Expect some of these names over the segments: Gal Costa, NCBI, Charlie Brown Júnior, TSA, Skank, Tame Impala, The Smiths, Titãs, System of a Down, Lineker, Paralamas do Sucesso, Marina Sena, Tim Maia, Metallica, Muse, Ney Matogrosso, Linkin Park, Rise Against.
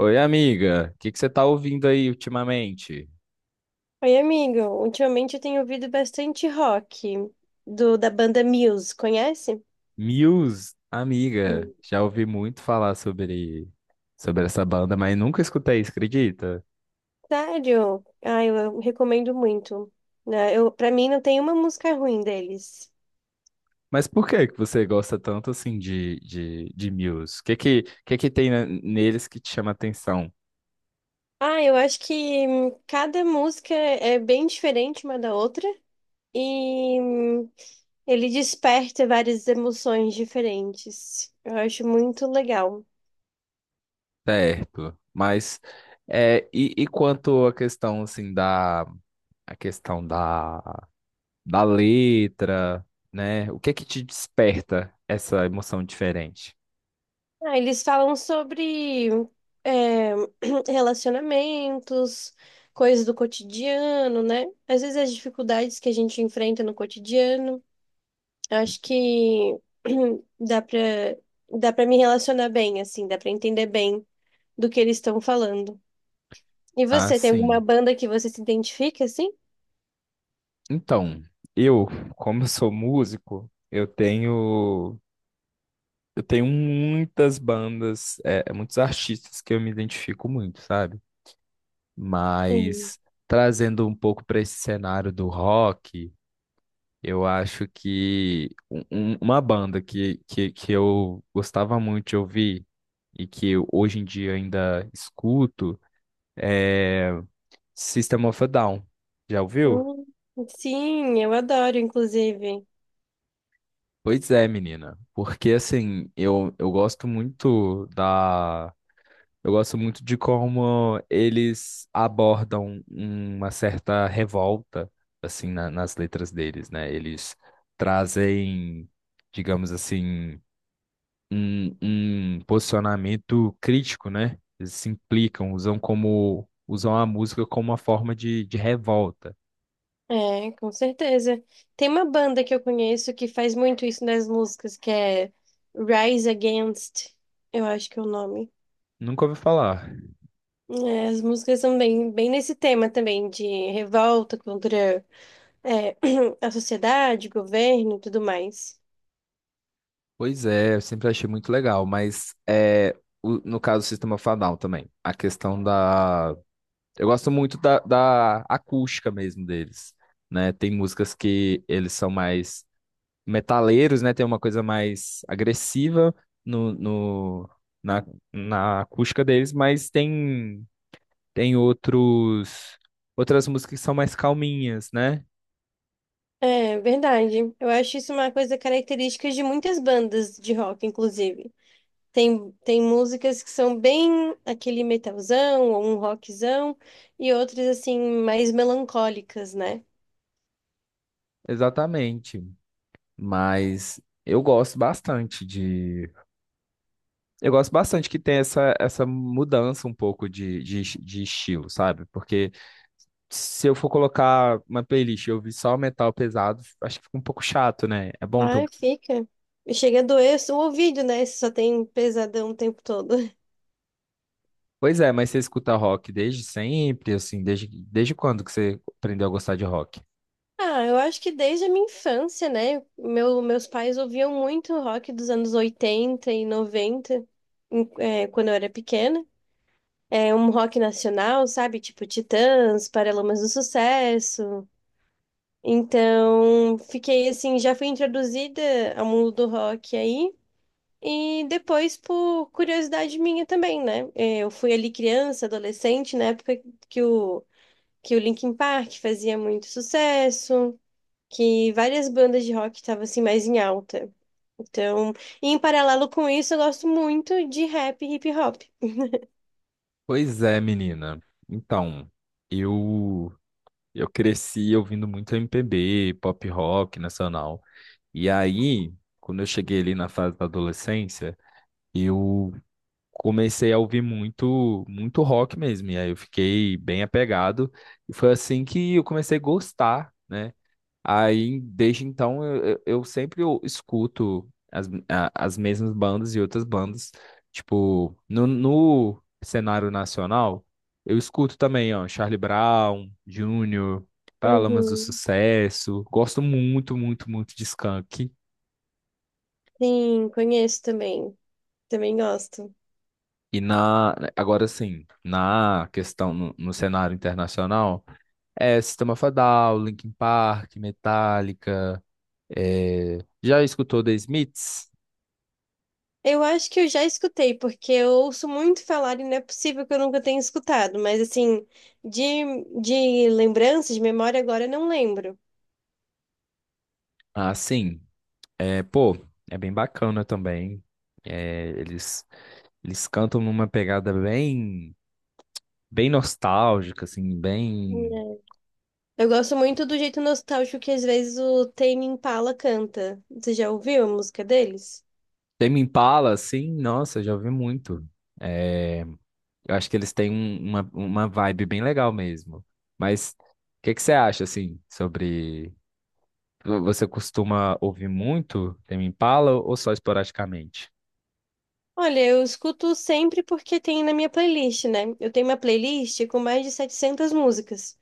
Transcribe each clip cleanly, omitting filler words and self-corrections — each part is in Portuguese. Oi, amiga. O que que você tá ouvindo aí ultimamente? Oi, amigo. Ultimamente eu tenho ouvido bastante rock do da banda Muse, conhece? Muse, amiga. Sim. Já ouvi muito falar sobre essa banda, mas nunca escutei isso, acredita? Sério? Ah, eu recomendo muito. Né, Eu, para mim não tem uma música ruim deles. Mas por que que você gosta tanto assim de Muse? O que que tem neles que te chama atenção? Ah, eu acho que cada música é bem diferente uma da outra e ele desperta várias emoções diferentes. Eu acho muito legal. Certo. Mas é, e quanto à questão assim da a questão da da letra, né? O que que te desperta essa emoção diferente? Ah, eles falam sobre é, relacionamentos, coisas do cotidiano, né? Às vezes as dificuldades que a gente enfrenta no cotidiano. Eu acho que dá pra, dá pra me relacionar bem, assim, dá pra entender bem do que eles estão falando. E Ah, você, tem alguma sim. banda que você se identifica, assim? Então, eu, como eu sou músico, eu tenho muitas bandas, é muitos artistas que eu me identifico muito, sabe? Sim. Mas trazendo um pouco para esse cenário do rock, eu acho que uma banda que eu gostava muito de ouvir e que eu, hoje em dia ainda escuto é System of a Down. Já ouviu? Hum, sim, eu adoro, inclusive. Pois é, menina, porque assim, eu gosto muito da. Eu gosto muito de como eles abordam uma certa revolta, assim, nas letras deles, né? Eles trazem, digamos assim, um posicionamento crítico, né? Eles se implicam, usam a música como uma forma de revolta. É, com certeza. Tem uma banda que eu conheço que faz muito isso nas músicas, que é Rise Against, eu acho que é o nome. Nunca ouvi falar. É, as músicas são bem, bem nesse tema também, de revolta contra, é, a sociedade, governo e tudo mais. Pois é, eu sempre achei muito legal, mas é, no caso do Sistema Fadal também, a questão da... Eu gosto muito da acústica mesmo deles, né? Tem músicas que eles são mais metaleiros, né? Tem uma coisa mais agressiva no, no, na, na acústica deles, mas tem, tem outros, outras músicas que são mais calminhas, né? É verdade. Eu acho isso uma coisa característica de muitas bandas de rock, inclusive. Tem, tem músicas que são bem aquele metalzão ou um rockzão, e outras, assim, mais melancólicas, né? Exatamente, mas eu gosto bastante eu gosto bastante que tem essa mudança um pouco de estilo, sabe? Porque se eu for colocar uma playlist e ouvir só metal pesado, acho que fica um pouco chato, né? É bom ter um... Ai, fica. E chega a doer o ouvido, né? Se só tem pesadão o tempo todo. Pois é, mas você escuta rock desde sempre, assim, desde quando que você aprendeu a gostar de rock? Ah, eu acho que desde a minha infância, né? Meus pais ouviam muito rock dos anos 80 e 90 quando eu era pequena. É um rock nacional, sabe? Tipo Titãs, Paralamas do Sucesso. Então, fiquei assim, já fui introduzida ao mundo do rock aí. E depois, por curiosidade minha também, né? Eu fui ali criança, adolescente, na época que o, que o Linkin Park fazia muito sucesso, que várias bandas de rock estavam assim mais em alta. Então, e em paralelo com isso, eu gosto muito de rap e hip hop. Pois é, menina. Então, eu eu cresci ouvindo muito MPB, pop rock nacional. E aí, quando eu cheguei ali na fase da adolescência, eu comecei a ouvir muito, muito rock mesmo. E aí eu fiquei bem apegado. E foi assim que eu comecei a gostar, né? Aí, desde então, eu sempre eu escuto as mesmas bandas e outras bandas. Tipo, no cenário nacional, eu escuto também, ó, Charlie Brown, Júnior, Paralamas do Uhum. Sucesso. Gosto muito, muito, muito de Skank. Sim, conheço também. Também gosto. E na, agora sim, na questão, no cenário internacional, é, System of a Down, Linkin Park, Metallica. É, já escutou The Smiths? Eu acho que eu já escutei, porque eu ouço muito falar e não é possível que eu nunca tenha escutado, mas assim, de lembrança, de memória, agora eu não lembro. Ah, sim. É, pô, é bem bacana também. É, eles, eles cantam numa pegada bem nostálgica, assim, bem. Né. Eu gosto muito do jeito nostálgico que às vezes o Tame Impala canta. Você já ouviu a música deles? Tame Impala, assim, nossa, já ouvi muito. É, eu acho que eles têm uma vibe bem legal mesmo. Mas o que que você acha, assim, sobre. Você costuma ouvir muito Tame Impala ou só esporadicamente? Olha, eu escuto sempre porque tem na minha playlist, né? Eu tenho uma playlist com mais de 700 músicas,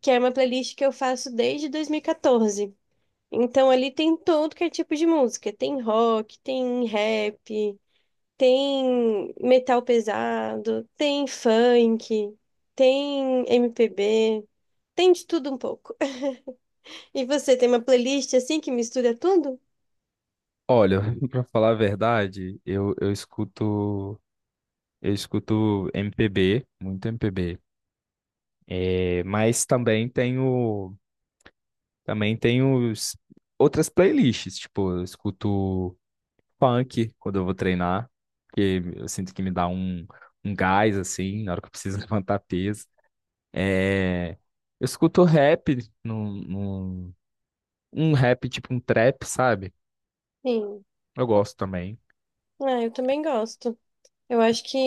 que é uma playlist que eu faço desde 2014. Então ali tem todo que é tipo de música. Tem rock, tem rap, tem metal pesado, tem funk, tem MPB, tem de tudo um pouco. E você tem uma playlist assim que mistura tudo? Olha, para falar a verdade, eu escuto MPB, muito MPB. É, mas também tenho outras playlists, tipo, eu escuto funk quando eu vou treinar, porque eu sinto que me dá um gás assim, na hora que eu preciso levantar peso. É, eu escuto rap, num, num- um rap tipo um trap, sabe? Sim. Eu gosto também. Ah, eu também gosto. Eu acho que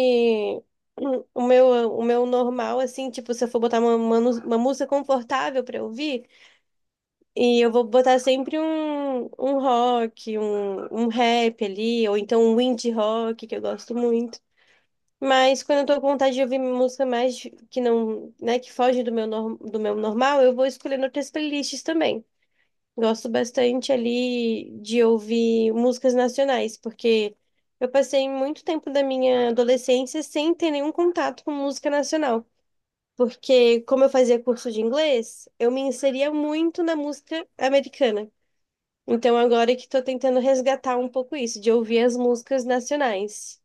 o meu normal, assim, tipo, se eu for botar uma música confortável pra ouvir, e eu vou botar sempre um rock, um rap ali, ou então um indie rock, que eu gosto muito. Mas quando eu tô com vontade de ouvir música que não, né, que foge do meu, do meu normal, eu vou escolhendo outras playlists também. Gosto bastante ali de ouvir músicas nacionais, porque eu passei muito tempo da minha adolescência sem ter nenhum contato com música nacional. Porque, como eu fazia curso de inglês, eu me inseria muito na música americana. Então, agora que tô tentando resgatar um pouco isso, de ouvir as músicas nacionais.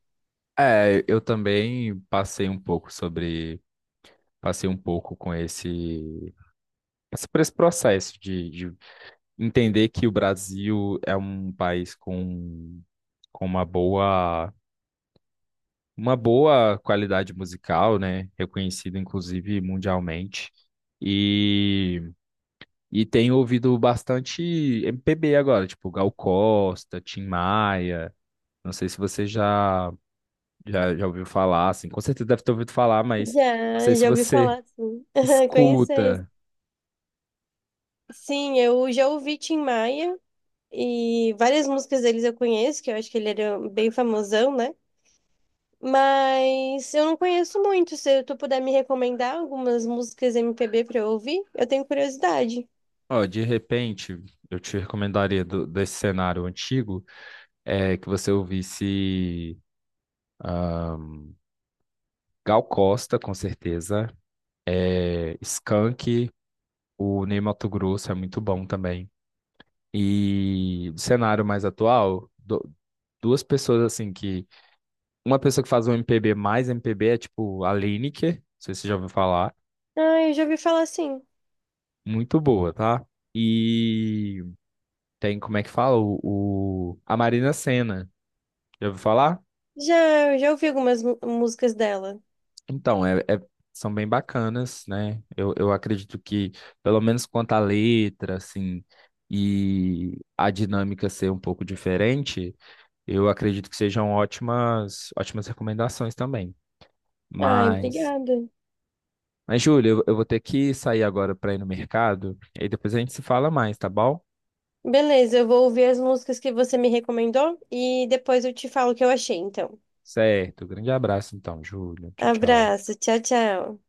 É, eu também passei um pouco com por esse processo de entender que o Brasil é um país com, com uma boa, uma boa qualidade musical, né? Reconhecido inclusive mundialmente. E, e tenho ouvido bastante MPB agora, tipo Gal Costa, Tim Maia. Não sei se você já ouviu falar, assim, com certeza deve ter ouvido falar, mas não sei Já, se já ouvi você falar, sim. Conhecer. escuta. Sim, eu já ouvi Tim Maia e várias músicas deles eu conheço, que eu acho que ele era bem famosão, né? Mas eu não conheço muito. Se tu puder me recomendar algumas músicas MPB pra eu ouvir, eu tenho curiosidade. Ó, de repente, eu te recomendaria desse cenário antigo é, que você ouvisse ah, Gal Costa, com certeza, é, Skank, o Ney Matogrosso é muito bom também. E do cenário mais atual, duas pessoas assim que. Uma pessoa que faz um MPB mais MPB é tipo a Lineker, não sei se você já ouviu falar. Ah, eu já ouvi falar sim. Muito boa, tá? E tem, como é que fala? O, a Marina Sena. Já ouviu falar? Já, eu já ouvi algumas músicas dela. Então, são bem bacanas, né? Eu acredito que, pelo menos quanto à letra, assim, e a dinâmica ser um pouco diferente, eu acredito que sejam ótimas, ótimas recomendações também. Ai, Mas, obrigada. mas Júlia, eu vou ter que sair agora para ir no mercado, e aí depois a gente se fala mais, tá bom? Beleza, eu vou ouvir as músicas que você me recomendou e depois eu te falo o que eu achei, então. Certo, grande abraço então, Júlia. Tchau, tchau. Abraço, tchau, tchau.